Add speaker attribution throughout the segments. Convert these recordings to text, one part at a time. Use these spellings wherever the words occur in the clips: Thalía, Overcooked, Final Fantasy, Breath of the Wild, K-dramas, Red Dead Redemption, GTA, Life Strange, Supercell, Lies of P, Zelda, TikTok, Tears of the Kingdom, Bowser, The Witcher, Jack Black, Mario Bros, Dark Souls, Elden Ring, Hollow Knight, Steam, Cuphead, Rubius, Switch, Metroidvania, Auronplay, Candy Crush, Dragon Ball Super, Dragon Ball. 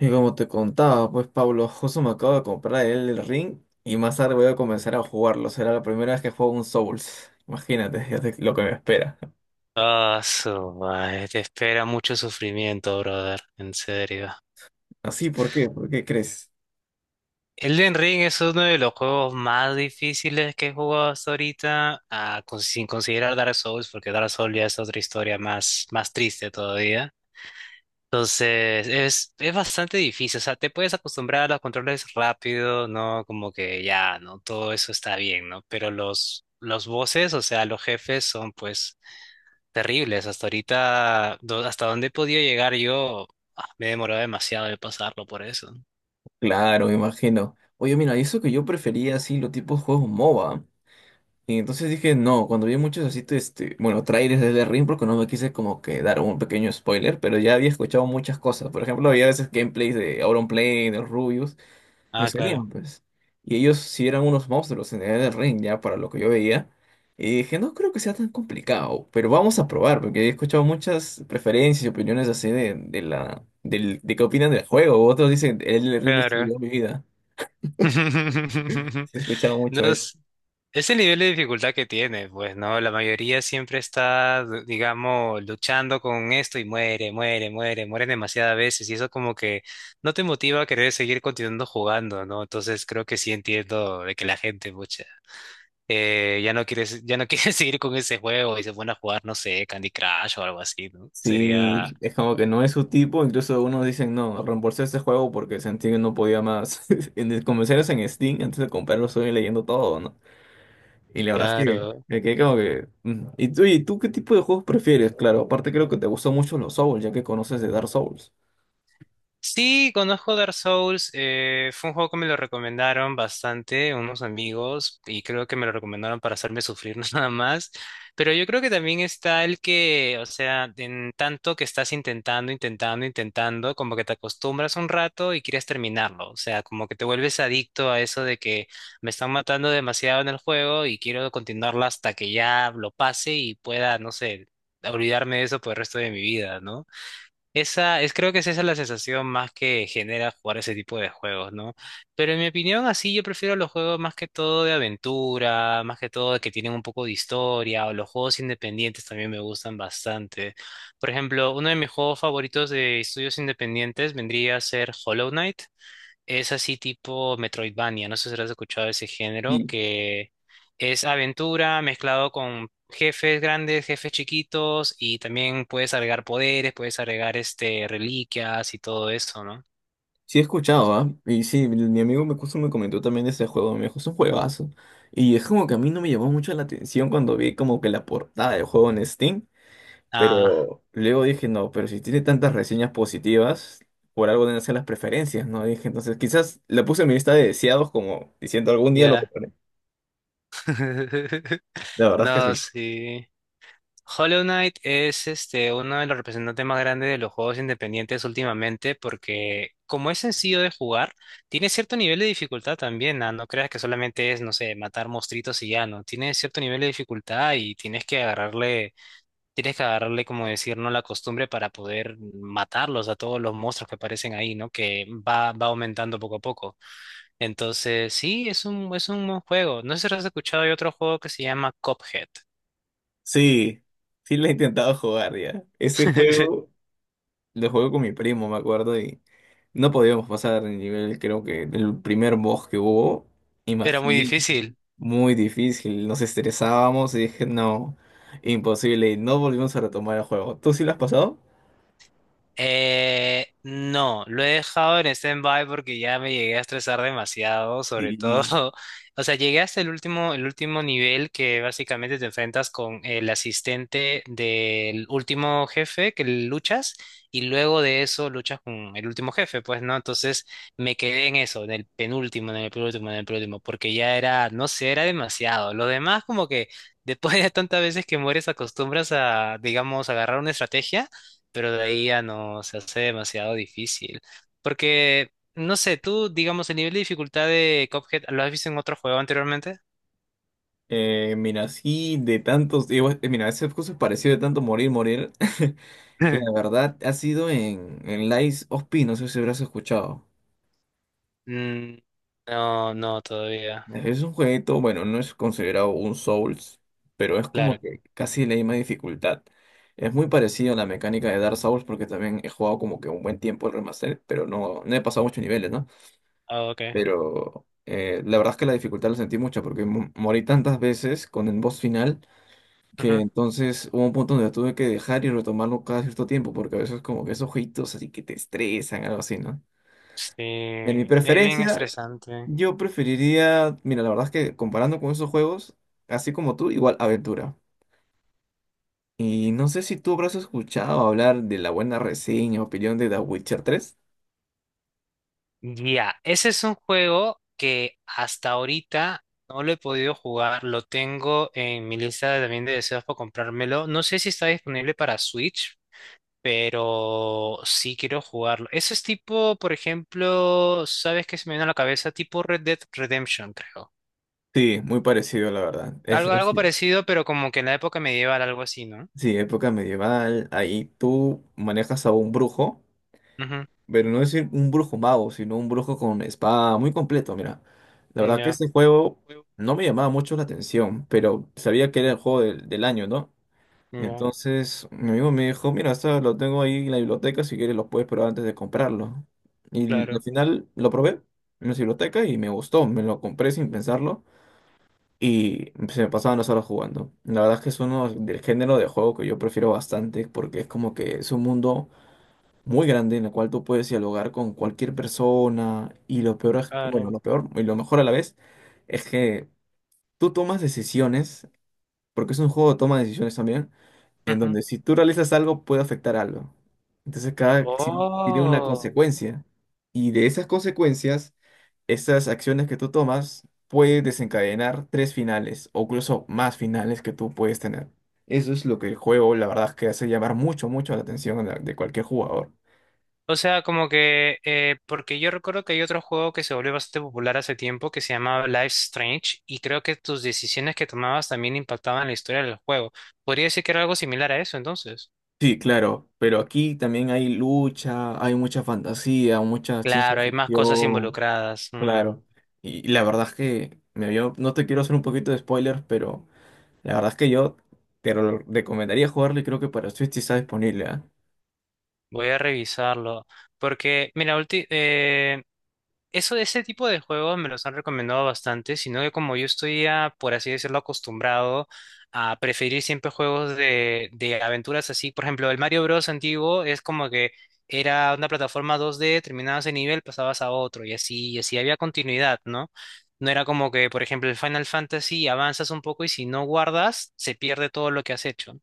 Speaker 1: Y como te contaba, pues Pablo, justo me acabo de comprar el ring y más tarde voy a comenzar a jugarlo. Será la primera vez que juego un Souls. Imagínate, lo que me espera.
Speaker 2: Ah, su madre, te espera mucho sufrimiento, brother, en serio.
Speaker 1: Así, ¿por qué? ¿Por qué crees?
Speaker 2: Elden Ring es uno de los juegos más difíciles que he jugado hasta ahorita, sin considerar Dark Souls, porque Dark Souls ya es otra historia más triste todavía. Entonces, es bastante difícil, o sea, te puedes acostumbrar a los controles rápido, ¿no? Como que ya, ¿no? Todo eso está bien, ¿no? Pero los bosses, o sea, los jefes son pues terribles. Hasta ahorita, hasta dónde he podido llegar yo, me he demorado demasiado de pasarlo por eso.
Speaker 1: Claro, me imagino. Oye, mira, y eso que yo prefería así los tipos de juegos MOBA. Y entonces dije, no, cuando vi muchos así, bueno, trailers del ring, porque no me quise como que dar un pequeño spoiler, pero ya había escuchado muchas cosas. Por ejemplo, había veces gameplays de Auronplay, de Rubius. Me
Speaker 2: Ah, claro.
Speaker 1: salían, pues. Y ellos sí eran unos monstruos en el ring, ya, para lo que yo veía. Y dije, no creo que sea tan complicado, pero vamos a probar, porque he escuchado muchas preferencias y opiniones así de, de qué opinan del juego. Otros dicen, el ring
Speaker 2: Claro.
Speaker 1: destruyó mi vida. Sí, he escuchado
Speaker 2: No
Speaker 1: mucho eso.
Speaker 2: es el nivel de dificultad que tiene, pues, ¿no? La mayoría siempre está, digamos, luchando con esto y muere, muere, muere, muere demasiadas veces y eso como que no te motiva a querer seguir continuando jugando, ¿no? Entonces creo que sí entiendo de que la gente, mucha. Ya no quieres seguir con ese juego y se ponen a jugar, no sé, Candy Crush o algo así, ¿no?
Speaker 1: Sí,
Speaker 2: Sería,
Speaker 1: es como que no es su tipo, incluso algunos dicen, no, reembolsé este juego porque sentí que no podía más. Como si eras en Steam, antes de comprarlo estoy leyendo todo, ¿no? Y la verdad es que
Speaker 2: claro,
Speaker 1: me quedé como que. Mm. ¿Y tú, qué tipo de juegos prefieres? Claro, aparte creo que te gustan mucho los Souls, ya que conoces de Dark Souls.
Speaker 2: sí, conozco Dark Souls. Fue un juego que me lo recomendaron bastante unos amigos y creo que me lo recomendaron para hacerme sufrir nada más. Pero yo creo que también está el que, o sea, en tanto que estás intentando, intentando, intentando, como que te acostumbras un rato y quieres terminarlo. O sea, como que te vuelves adicto a eso de que me están matando demasiado en el juego y quiero continuarlo hasta que ya lo pase y pueda, no sé, olvidarme de eso por el resto de mi vida, ¿no? Esa es, creo que es esa la sensación más que genera jugar ese tipo de juegos, ¿no? Pero en mi opinión, así yo prefiero los juegos más que todo de aventura, más que todo de que tienen un poco de historia, o los juegos independientes también me gustan bastante. Por ejemplo, uno de mis juegos favoritos de estudios independientes vendría a ser Hollow Knight. Es así tipo Metroidvania, no sé si has escuchado ese género,
Speaker 1: Y
Speaker 2: que es aventura mezclado con jefes grandes, jefes chiquitos, y también puedes agregar poderes, puedes agregar este reliquias y todo eso, ¿no?
Speaker 1: sí he escuchado, ¿ah? Y sí, mi amigo me justo me comentó también de ese juego, me dijo, es un juegazo. Y es como que a mí no me llamó mucho la atención cuando vi como que la portada del juego en Steam.
Speaker 2: Ah,
Speaker 1: Pero luego dije, no, pero si tiene tantas reseñas positivas, por algo deben ser las preferencias, ¿no? Dije, entonces quizás la puse en mi lista de deseados como diciendo algún día lo
Speaker 2: ya.
Speaker 1: compraré. La verdad es que
Speaker 2: No,
Speaker 1: sí.
Speaker 2: sí. Hollow Knight es este, uno de los representantes más grandes de los juegos independientes últimamente porque como es sencillo de jugar, tiene cierto nivel de dificultad también, no creas que solamente es, no sé, matar monstruitos y ya, ¿no? Tiene cierto nivel de dificultad y tienes que agarrarle, como decir, ¿no? La costumbre para poder matarlos a todos los monstruos que aparecen ahí, ¿no? Que va, va aumentando poco a poco. Entonces, sí, es un buen juego. No sé si has escuchado, hay otro juego que se llama Cuphead.
Speaker 1: Sí, sí lo he intentado jugar ya. Ese juego lo jugué con mi primo, me acuerdo, y no podíamos pasar el nivel, creo que el primer boss que hubo,
Speaker 2: Era muy
Speaker 1: imagínate,
Speaker 2: difícil.
Speaker 1: muy difícil, nos estresábamos y dije, no, imposible, y no volvimos a retomar el juego. ¿Tú sí lo has pasado?
Speaker 2: No, lo he dejado en stand-by porque ya me llegué a estresar demasiado, sobre
Speaker 1: Sí.
Speaker 2: todo, o sea, llegué hasta el último nivel que básicamente te enfrentas con el asistente del último jefe que luchas y luego de eso luchas con el último jefe, pues, ¿no? Entonces me quedé en eso, en el penúltimo, en el penúltimo, en el penúltimo, porque ya era, no sé, era demasiado. Lo demás como que después de tantas veces que mueres acostumbras a, digamos, agarrar una estrategia pero de ahí ya no se hace demasiado difícil. Porque, no sé, tú, digamos, el nivel de dificultad de Cuphead, ¿lo has visto en otro juego anteriormente?
Speaker 1: Mira, así de tantos, mira, ese curso pareció de tanto morir, morir. La verdad ha sido en Lies of P, no sé si habrás escuchado.
Speaker 2: Mm, no, no, todavía.
Speaker 1: Es un jueguito, bueno, no es considerado un Souls, pero es como
Speaker 2: Claro.
Speaker 1: que casi la misma dificultad. Es muy parecido a la mecánica de Dark Souls porque también he jugado como que un buen tiempo el remaster, pero no, no he pasado muchos niveles, ¿no?
Speaker 2: Ah, ok.
Speaker 1: Pero la verdad es que la dificultad la sentí mucho porque morí tantas veces con el boss final que
Speaker 2: Ujú.
Speaker 1: entonces hubo un punto donde la tuve que dejar y retomarlo cada cierto tiempo, porque a veces como que esos jueguitos así que te estresan, algo así, ¿no?
Speaker 2: Sí,
Speaker 1: En mi Sí, sí.
Speaker 2: es bien
Speaker 1: preferencia,
Speaker 2: estresante.
Speaker 1: yo preferiría, mira, la verdad es que comparando con esos juegos, así como tú, igual aventura. Y no sé si tú habrás escuchado hablar de la buena reseña, opinión de The Witcher tres.
Speaker 2: Ya, ese es un juego que hasta ahorita no lo he podido jugar. Lo tengo en mi lista también de deseos para comprármelo. No sé si está disponible para Switch, pero sí quiero jugarlo. Ese es tipo, por ejemplo, ¿sabes qué se me vino a la cabeza? Tipo Red Dead Redemption, creo.
Speaker 1: Sí, muy parecido, la verdad.
Speaker 2: Algo, algo parecido, pero como que en la época medieval, algo así, ¿no?
Speaker 1: Sí, época medieval, ahí tú manejas a un brujo.
Speaker 2: Ujú,
Speaker 1: Pero no es un brujo mago, sino un brujo con espada muy completo, mira. La verdad que
Speaker 2: ya,
Speaker 1: este juego no me llamaba mucho la atención, pero sabía que era el juego del año, ¿no?
Speaker 2: ya,
Speaker 1: Entonces mi amigo me dijo, mira, esto lo tengo ahí en la biblioteca, si quieres lo puedes probar antes de comprarlo. Y al
Speaker 2: claro,
Speaker 1: final lo probé en la biblioteca y me gustó, me lo compré sin pensarlo y se me pasaban las horas jugando. La verdad es que es uno del género de juego que yo prefiero bastante porque es como que es un mundo muy grande en la cual tú puedes dialogar con cualquier persona y lo peor,
Speaker 2: claro.
Speaker 1: bueno, lo peor y lo mejor a la vez es que tú tomas decisiones, porque es un juego de toma de decisiones también, en
Speaker 2: Ujú.
Speaker 1: donde si tú realizas algo puede afectar algo. Entonces cada acción tiene una
Speaker 2: Oh.
Speaker 1: consecuencia y de esas consecuencias, estas acciones que tú tomas puede desencadenar tres finales o incluso más finales que tú puedes tener. Eso es lo que el juego, la verdad, es que hace llamar mucho, mucho la atención de cualquier jugador.
Speaker 2: O sea, como que, porque yo recuerdo que hay otro juego que se volvió bastante popular hace tiempo que se llamaba Life Strange y creo que tus decisiones que tomabas también impactaban la historia del juego. Podría decir que era algo similar a eso, entonces.
Speaker 1: Sí, claro, pero aquí también hay lucha, hay mucha fantasía, mucha ciencia
Speaker 2: Claro, hay más cosas
Speaker 1: ficción,
Speaker 2: involucradas. Mm,
Speaker 1: claro. Y la verdad es que me vio, no te quiero hacer un poquito de spoilers, pero la verdad es que yo te lo recomendaría jugarlo y creo que para Switch sí está disponible, ¿ah?
Speaker 2: voy a revisarlo. Porque, mira, eso de ese tipo de juegos me los han recomendado bastante, sino que como yo estoy, por así decirlo, acostumbrado a preferir siempre juegos de aventuras así. Por ejemplo, el Mario Bros. Antiguo es como que era una plataforma 2D, terminabas ese nivel, pasabas a otro y así había continuidad, ¿no? No era como que, por ejemplo, el Final Fantasy avanzas un poco y si no guardas, se pierde todo lo que has hecho.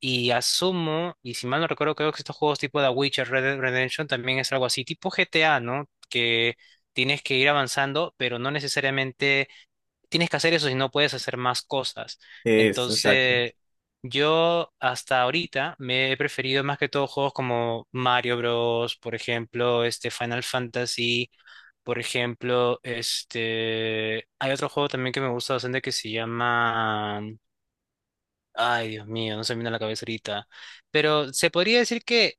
Speaker 2: Y asumo, y si mal no recuerdo, creo que estos juegos tipo The Witcher, Red Dead Redemption también es algo así, tipo GTA, ¿no? Que tienes que ir avanzando, pero no necesariamente tienes que hacer eso si no puedes hacer más cosas.
Speaker 1: Eso, exacto.
Speaker 2: Entonces, yo hasta ahorita me he preferido más que todo juegos como Mario Bros, por ejemplo, este Final Fantasy, por ejemplo, este hay otro juego también que me gusta bastante que se llama Ay, Dios mío, no se me viene a la cabeza ahorita. Pero se podría decir que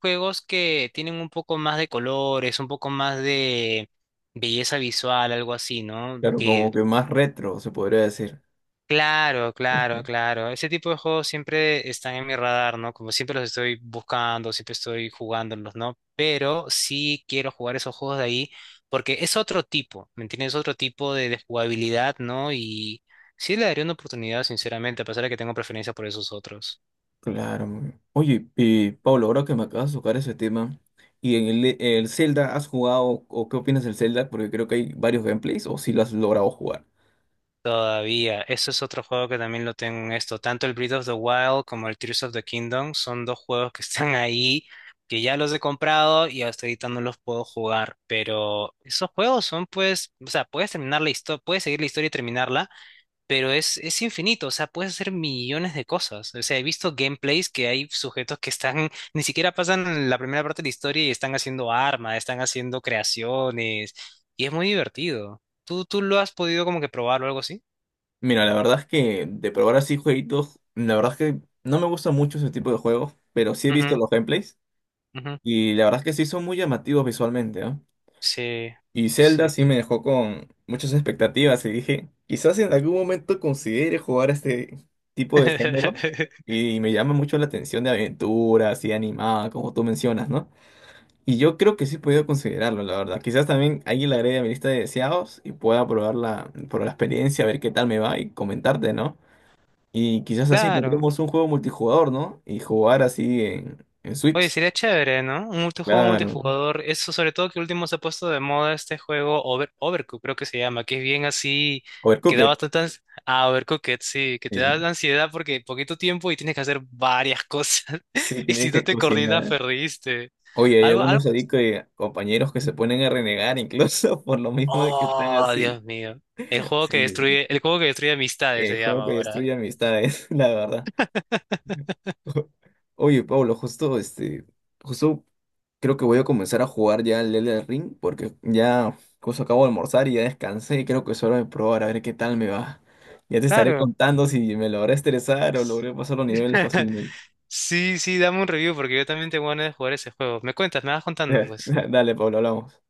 Speaker 2: juegos que tienen un poco más de colores, un poco más de belleza visual, algo así, ¿no?
Speaker 1: Claro,
Speaker 2: Que,
Speaker 1: como que más retro se podría decir.
Speaker 2: claro, claro,
Speaker 1: Ujú.
Speaker 2: claro. Ese tipo de juegos siempre están en mi radar, ¿no? Como siempre los estoy buscando, siempre estoy jugándolos, ¿no? Pero sí quiero jugar esos juegos de ahí porque es otro tipo, ¿me entiendes? Es otro tipo de jugabilidad, ¿no? Y sí le daría una oportunidad, sinceramente, a pesar de que tengo preferencia por esos otros.
Speaker 1: Claro, muy bien. Oye, y Pablo, ahora que me acabas de tocar ese tema, ¿y en el Zelda has jugado o qué opinas del Zelda? Porque creo que hay varios gameplays o si lo has logrado jugar.
Speaker 2: Todavía, eso es otro juego que también lo tengo en esto. Tanto el Breath of the Wild como el Tears of the Kingdom son dos juegos que están ahí, que ya los he comprado y hasta ahorita no los puedo jugar. Pero esos juegos son pues, o sea, puedes terminar la historia, puedes seguir la historia y terminarla, pero es infinito, o sea, puedes hacer millones de cosas. O sea, he visto gameplays que hay sujetos que están, ni siquiera pasan la primera parte de la historia y están haciendo armas, están haciendo creaciones, y es muy divertido. ¿Tú lo has podido como que probar o algo así?
Speaker 1: Mira, la verdad es que de probar así jueguitos, la verdad es que no me gusta mucho ese tipo de juegos, pero sí he visto
Speaker 2: Ujú,
Speaker 1: los gameplays
Speaker 2: ujú.
Speaker 1: y la verdad es que sí son muy llamativos visualmente, ¿no?
Speaker 2: Sí,
Speaker 1: Y Zelda
Speaker 2: sí.
Speaker 1: sí me dejó con muchas expectativas y dije, quizás en algún momento considere jugar a este tipo de género y me llama mucho la atención de aventura, así animada, como tú mencionas, ¿no? Y yo creo que sí he podido considerarlo, la verdad. Quizás también ahí la agregue a mi lista de deseados y pueda probarla por la experiencia, a ver qué tal me va y comentarte, ¿no? Y quizás así
Speaker 2: Claro.
Speaker 1: encontremos un juego multijugador, ¿no? Y jugar así en
Speaker 2: Oye,
Speaker 1: Switch.
Speaker 2: sería chévere, ¿no? Un multijuego
Speaker 1: Claro.
Speaker 2: multijugador. Eso sobre todo que último se ha puesto de moda este juego Overcooked, creo que se llama, que es bien así, que da
Speaker 1: Overcooked.
Speaker 2: bastante ah, Overcooked, sí, que te da
Speaker 1: Sí,
Speaker 2: ansiedad porque poquito tiempo y tienes que hacer varias cosas.
Speaker 1: sí,
Speaker 2: Y si
Speaker 1: tienes
Speaker 2: no
Speaker 1: que
Speaker 2: te coordinas,
Speaker 1: cocinar.
Speaker 2: perdiste.
Speaker 1: Oye, hay
Speaker 2: Algo, algo.
Speaker 1: algunos ahí que, compañeros que se ponen a renegar incluso por lo mismo de que están
Speaker 2: Oh,
Speaker 1: así.
Speaker 2: Dios mío.
Speaker 1: Sí,
Speaker 2: El juego que destruye amistades
Speaker 1: el
Speaker 2: se
Speaker 1: juego
Speaker 2: llama
Speaker 1: que
Speaker 2: ahora.
Speaker 1: destruye amistades, la verdad. Oye, Pablo, justo este, justo creo que voy a comenzar a jugar ya el Elden Ring porque ya justo acabo de almorzar y ya descansé y creo que es hora de probar a ver qué tal me va. Ya te estaré
Speaker 2: Claro.
Speaker 1: contando si me logré estresar o logré pasar los niveles fácilmente.
Speaker 2: Sí, sí, dame un review porque yo también tengo ganas de jugar ese juego. Me cuentas, me vas contando, pues.
Speaker 1: Dale, Pablo, hablamos.